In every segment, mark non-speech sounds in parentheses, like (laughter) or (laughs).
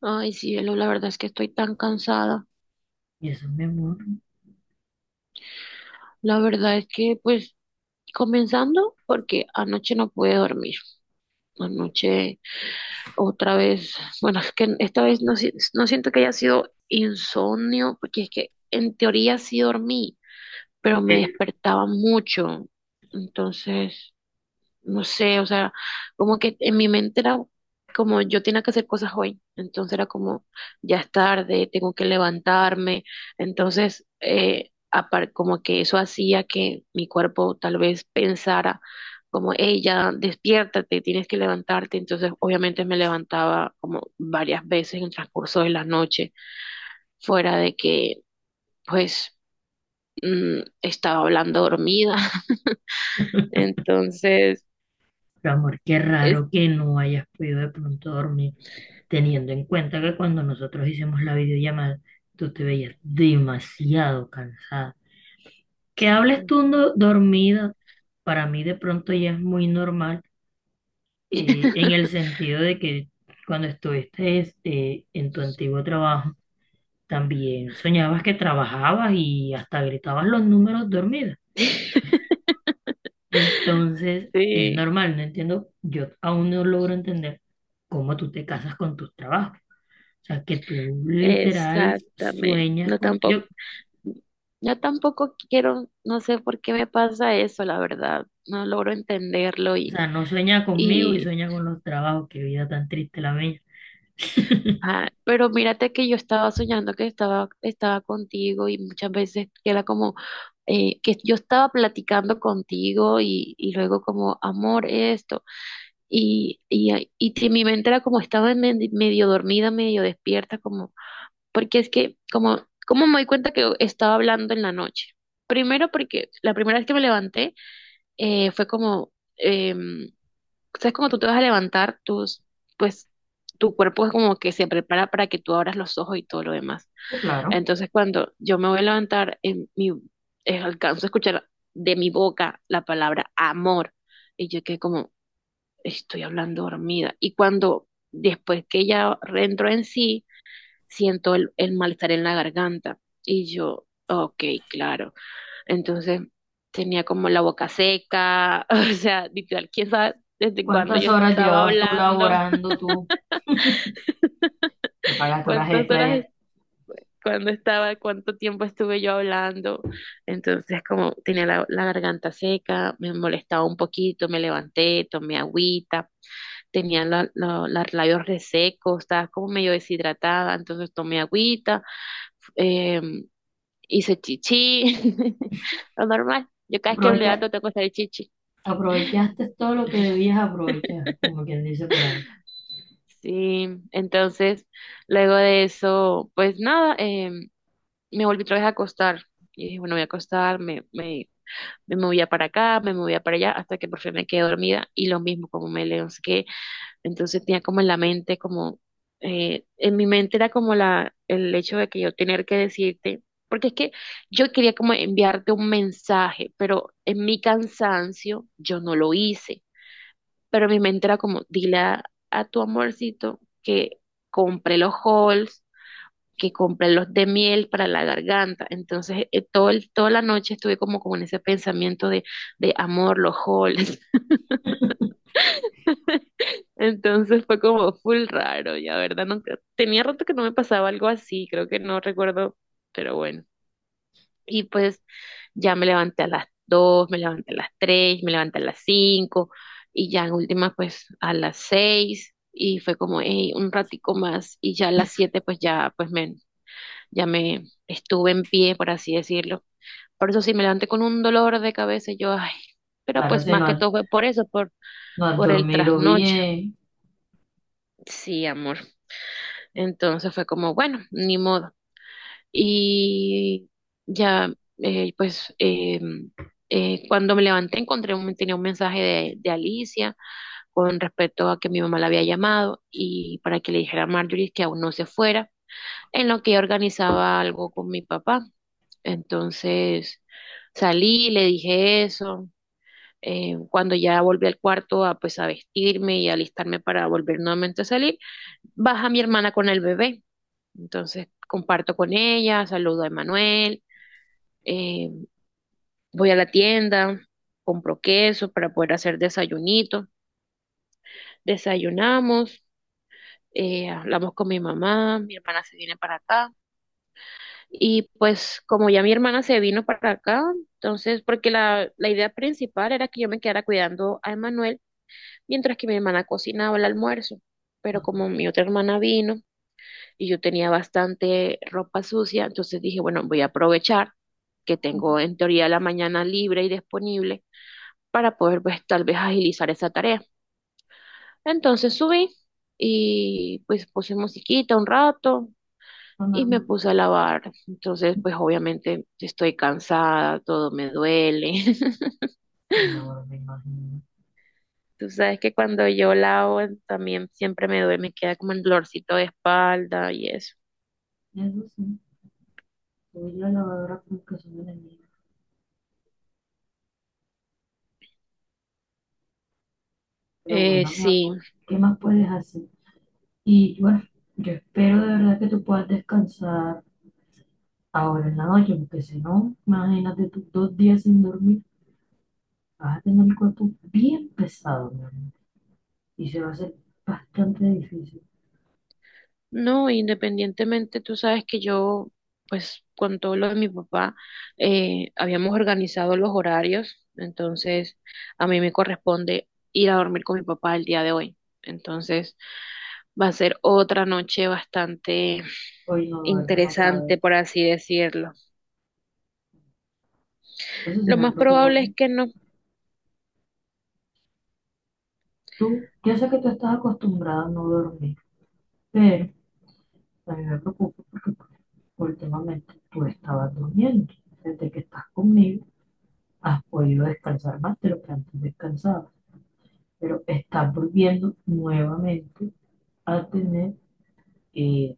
Ay, sí, Elo, la verdad es que estoy tan cansada. Y eso, La verdad es que, pues, comenzando porque anoche no pude dormir. Anoche otra vez, bueno, es que esta vez no, no siento que haya sido insomnio, porque es que en teoría sí dormí, pero me eh, despertaba mucho. Entonces, no sé, o sea, como que en mi mente era como yo tenía que hacer cosas hoy, entonces era como ya es tarde, tengo que levantarme, entonces como que eso hacía que mi cuerpo tal vez pensara como, hey, ya despiértate, tienes que levantarte, entonces obviamente me levantaba como varias veces en el transcurso de la noche, fuera de que pues estaba hablando dormida, (laughs) entonces... mi amor, qué Es... raro que no hayas podido de pronto dormir, teniendo en cuenta que cuando nosotros hicimos la videollamada, tú te veías demasiado cansada. Que hables tú dormida, para mí de pronto ya es muy normal, en el (laughs) sentido de que cuando estuviste en tu antiguo trabajo, también soñabas que trabajabas y hasta gritabas los números dormidos. (laughs) Entonces, es Sí, normal, no entiendo, yo aún no logro entender cómo tú te casas con tus trabajos. O sea, que tú literal exactamente. sueñas No con, yo, tampoco, o yo tampoco quiero, no sé por qué me pasa eso, la verdad. No logro entenderlo y, sea, no sueña conmigo y y, sueña con los trabajos, qué vida tan triste la mía. ah, pero mírate que yo estaba soñando que estaba contigo y muchas veces que era como que yo estaba platicando contigo y luego como amor esto y, que mi mente era como estaba medio dormida, medio despierta, como porque es que como, me doy cuenta que estaba hablando en la noche? Primero porque la primera vez que me levanté fue como, em, ¿sabes cuando tú te vas a levantar? Tus, pues tu cuerpo es como que se prepara para que tú abras los ojos y todo lo demás. Sí, claro. Entonces cuando yo me voy a levantar, en mi, alcanzo a escuchar de mi boca la palabra amor y yo quedé como, estoy hablando dormida. Y cuando después que ella entró en sí, siento el malestar en la garganta. Y yo, ok, claro. Entonces tenía como la boca seca, (laughs) o sea, literal, quién sabe desde cuándo ¿Cuántas yo horas estaba llevabas tú hablando, laborando tú que (laughs) pagaste horas cuántas extra horas, ya? Cuándo estaba, cuánto tiempo estuve yo hablando. Entonces como tenía la garganta seca, me molestaba un poquito, me levanté, tomé agüita, tenía los labios resecos, estaba como medio deshidratada, entonces tomé agüita em, hice chichi, (laughs) lo normal. Yo cada vez que me Aprovecha- levanto tengo que hacer chichi. Aprovechaste todo lo que debías (laughs) aprovechar, como quien dice por ahí. Sí, entonces, luego de eso, pues nada, me volví otra vez a acostar. Y dije, bueno, voy a acostar, me movía para acá, me movía para allá, hasta que por fin me quedé dormida. Y lo mismo, como me levanté, entonces tenía como en la mente, como, en mi mente era como el hecho de que yo tener que decirte, porque es que yo quería como enviarte un mensaje, pero en mi cansancio yo no lo hice, pero mi mente era como, dile a tu amorcito que compre los halls, que compre los de miel para la garganta. Entonces, toda la noche estuve como con ese pensamiento de amor, los halls. Entonces fue como full raro, ya, ¿verdad? Nunca, tenía rato que no me pasaba algo así, creo que no recuerdo, pero bueno. Y pues ya me levanté a las dos, me levanté a las tres, me levanté a las 5 y ya en última pues a las 6 y fue como "Ey, un ratico más" y ya a las 7 pues ya ya me estuve en pie, por así decirlo. Por eso sí me levanté con un dolor de cabeza y yo, ay, pero Claro, pues más que todo fue por eso, no has por el dormido trasnocho. bien, Sí, amor. Entonces fue como, bueno, ni modo. Y ya, pues, cuando me levanté encontré tenía un mensaje de Alicia con respecto a que mi mamá la había llamado y para que le dijera a Marjorie que aún no se fuera, en lo que yo organizaba algo con mi papá. Entonces salí, le dije eso. Cuando ya volví al cuarto a pues a vestirme y a alistarme para volver nuevamente a salir, baja mi hermana con el bebé. Entonces comparto con ella, saludo a Emanuel, eh, voy a la tienda, compro queso para poder hacer desayunito, desayunamos, hablamos con mi mamá, mi hermana se viene para acá y pues como ya mi hermana se vino para acá, entonces porque la idea principal era que yo me quedara cuidando a Emanuel mientras que mi hermana cocinaba el almuerzo, no, pero como mi otra hermana vino, y yo tenía bastante ropa sucia, entonces dije, bueno, voy a aprovechar que tengo en teoría la mañana libre y disponible para poder pues tal vez agilizar esa tarea. Entonces subí y pues puse musiquita un rato no, y me normal. puse a lavar. Entonces pues obviamente estoy cansada, todo me duele. (laughs) Sí, mi amor, me imagino. Tú sabes que cuando yo lavo también siempre me duele, me queda como un dolorcito de espalda y eso. Eso sí. Yo y la lavadora como que son enemigas. Pero Eh, bueno, mi sí, amor, ¿qué más puedes hacer? Y bueno, yo espero de verdad que tú puedas descansar ahora en la noche, porque si no, imagínate tú dos días sin dormir, vas a tener el cuerpo bien pesado, mi amor. Y se va a hacer bastante difícil. No, independientemente, tú sabes que yo, pues con todo lo de mi papá, habíamos organizado los horarios, entonces a mí me corresponde ir a dormir con mi papá el día de hoy. Entonces va a ser otra noche bastante Hoy no duermes otra vez. interesante, por así decirlo. Eso sí Lo me más preocupa a probable es mí. que no, Tú, yo sé que tú estás acostumbrada a no dormir, pero a mí me preocupa porque últimamente tú estabas durmiendo. Desde que estás conmigo has podido descansar más de lo que antes descansaba, pero estás volviendo nuevamente a tener eh,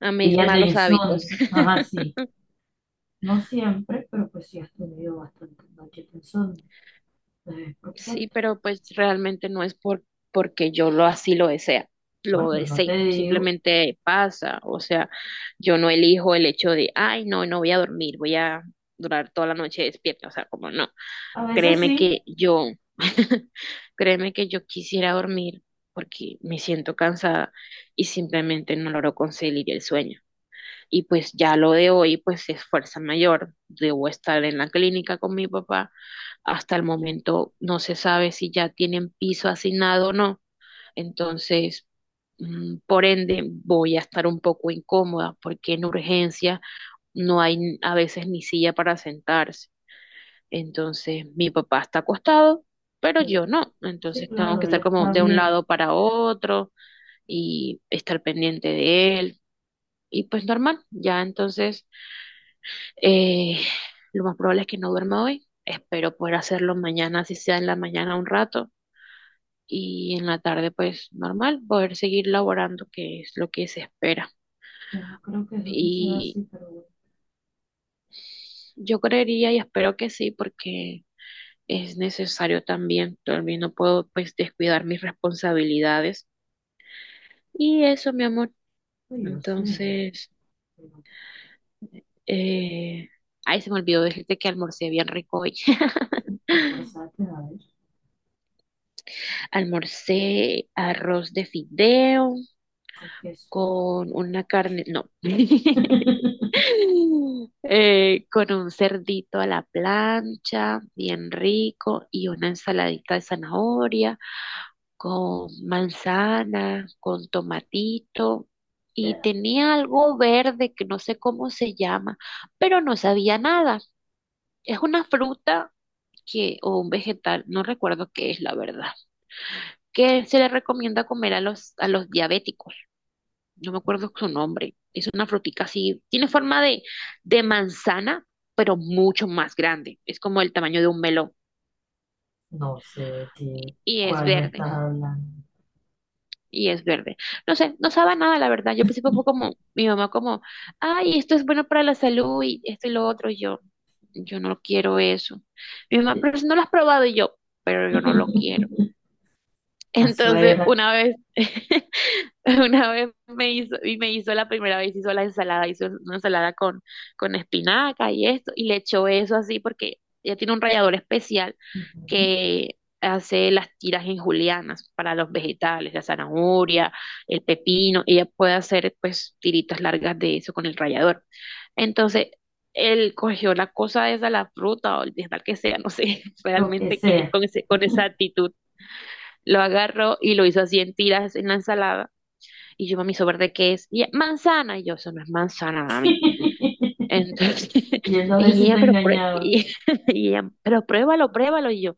a mis días de malos hábitos. insomnio. (laughs) Ajá, sí, no siempre, pero pues sí has tenido bastantes noches de insomnio. Entonces es Sí, preocupante. pero pues realmente no es porque yo lo así lo desea, No, lo yo no te desee, digo, simplemente pasa, o sea, yo no elijo el hecho de, ay, no, no voy a dormir, voy a durar toda la noche despierta, o sea, como no, a veces créeme que sí, yo, (laughs) créeme que yo quisiera dormir porque me siento cansada y simplemente no logro conseguir el sueño. Y pues ya lo de hoy, pues es fuerza mayor. Debo estar en la clínica con mi papá. Hasta el momento no se sabe si ya tienen piso asignado o no. Entonces, por ende, voy a estar un poco incómoda porque en urgencia no hay a veces ni silla para sentarse. Entonces, mi papá está acostado, pero eh, yo no. sí, Entonces, tengo claro, que él estar como está de un bien. lado para otro y estar pendiente de él. Y pues normal, ya entonces eh, lo más probable es que no duerma hoy. Espero poder hacerlo mañana, si sea en la mañana un rato. Y en la tarde, pues normal, poder seguir laborando, que es lo que se espera. Yo no creo que eso suceda Y así, pero bueno, yo creería y espero que sí, porque es necesario también. También no puedo, pues, descuidar mis responsabilidades. Y eso, mi amor. pues yo sé, Entonces, pero eh... ay, se me olvidó decirte que almorcé bien rico hoy. ¿qué almorzaste a ver? (laughs) Almorcé arroz de fideo Con queso. con una carne, no, (laughs) (laughs) con un cerdito a la plancha, bien rico, y una ensaladita de zanahoria, con manzana, con tomatito, y tenía algo verde que no sé cómo se llama, pero no sabía nada. Es una fruta que, o un vegetal, no recuerdo qué es la verdad, que se le recomienda comer a los diabéticos. No me acuerdo su nombre, es una frutica así, tiene forma de manzana, pero mucho más grande, es como el tamaño de un melón No sé de qué, y es cuál me verde, estás hablando. y es verde. No sé, no sabe a nada, la verdad. Yo al principio fue como, mi mamá como, ay, esto es bueno para la salud y esto y lo otro, y yo, no quiero eso. Mi mamá, pero si no lo has probado, y yo, pero yo no lo quiero. (laughs) (laughs) La Entonces, suegra, una vez (laughs) (laughs) una vez me hizo, y me hizo la primera vez, hizo la ensalada, hizo una ensalada con espinaca y esto, y le echó eso así porque ella tiene un rallador especial ujú, que hace las tiras en julianas para los vegetales, la zanahoria, el pepino, ella puede hacer pues tiritas largas de eso con el rallador. Entonces, él cogió la cosa esa, la fruta o el vegetal que sea, no sé (laughs) lo que realmente qué es sea. con ese, con esa actitud, lo agarró y lo hizo así en tiras en la ensalada y yo, mami, ¿eso verde qué es? Y ella, manzana. Y yo, eso no es manzana, mami. (laughs) Entonces, Viendo (laughs) a ver y si te ella, pero, engañaba. (laughs) Y ella, pero pruébalo, pruébalo. Y yo,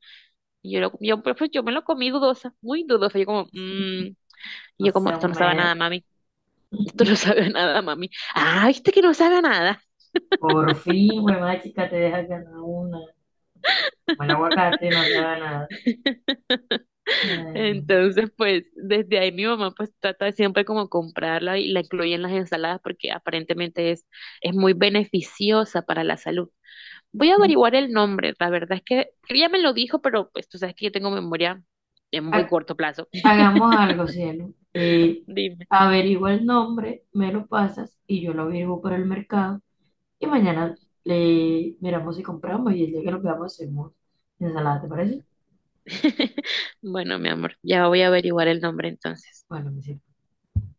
pues, yo me lo comí dudosa, muy dudosa. Yo como, "Mm". Y No yo como, sea esto un no sabe a nada, mer. mami. (laughs) Esto no sabe a nada, mami. Ah, viste que no sabe a nada. Por fin, güey, chica, te dejas ganar una. Como el aguacate no se haga nada. (laughs) Ay, no. Entonces, pues, desde ahí mi mamá pues trata de siempre como comprarla y la incluye en las ensaladas porque aparentemente es muy beneficiosa para la salud. Voy a averiguar el nombre, la verdad es que ella me lo dijo, pero pues tú sabes que yo tengo memoria de muy Ha- corto plazo. (laughs) Hagamos algo, cielo. Dime. Averigua el nombre, me lo pasas y yo lo averiguo por el mercado. Y mañana le miramos si compramos, y el día que lo veamos hacemos ensalada, ¿te parece? (laughs) Bueno, mi amor, ya voy a averiguar el nombre entonces. Bueno, me sirve.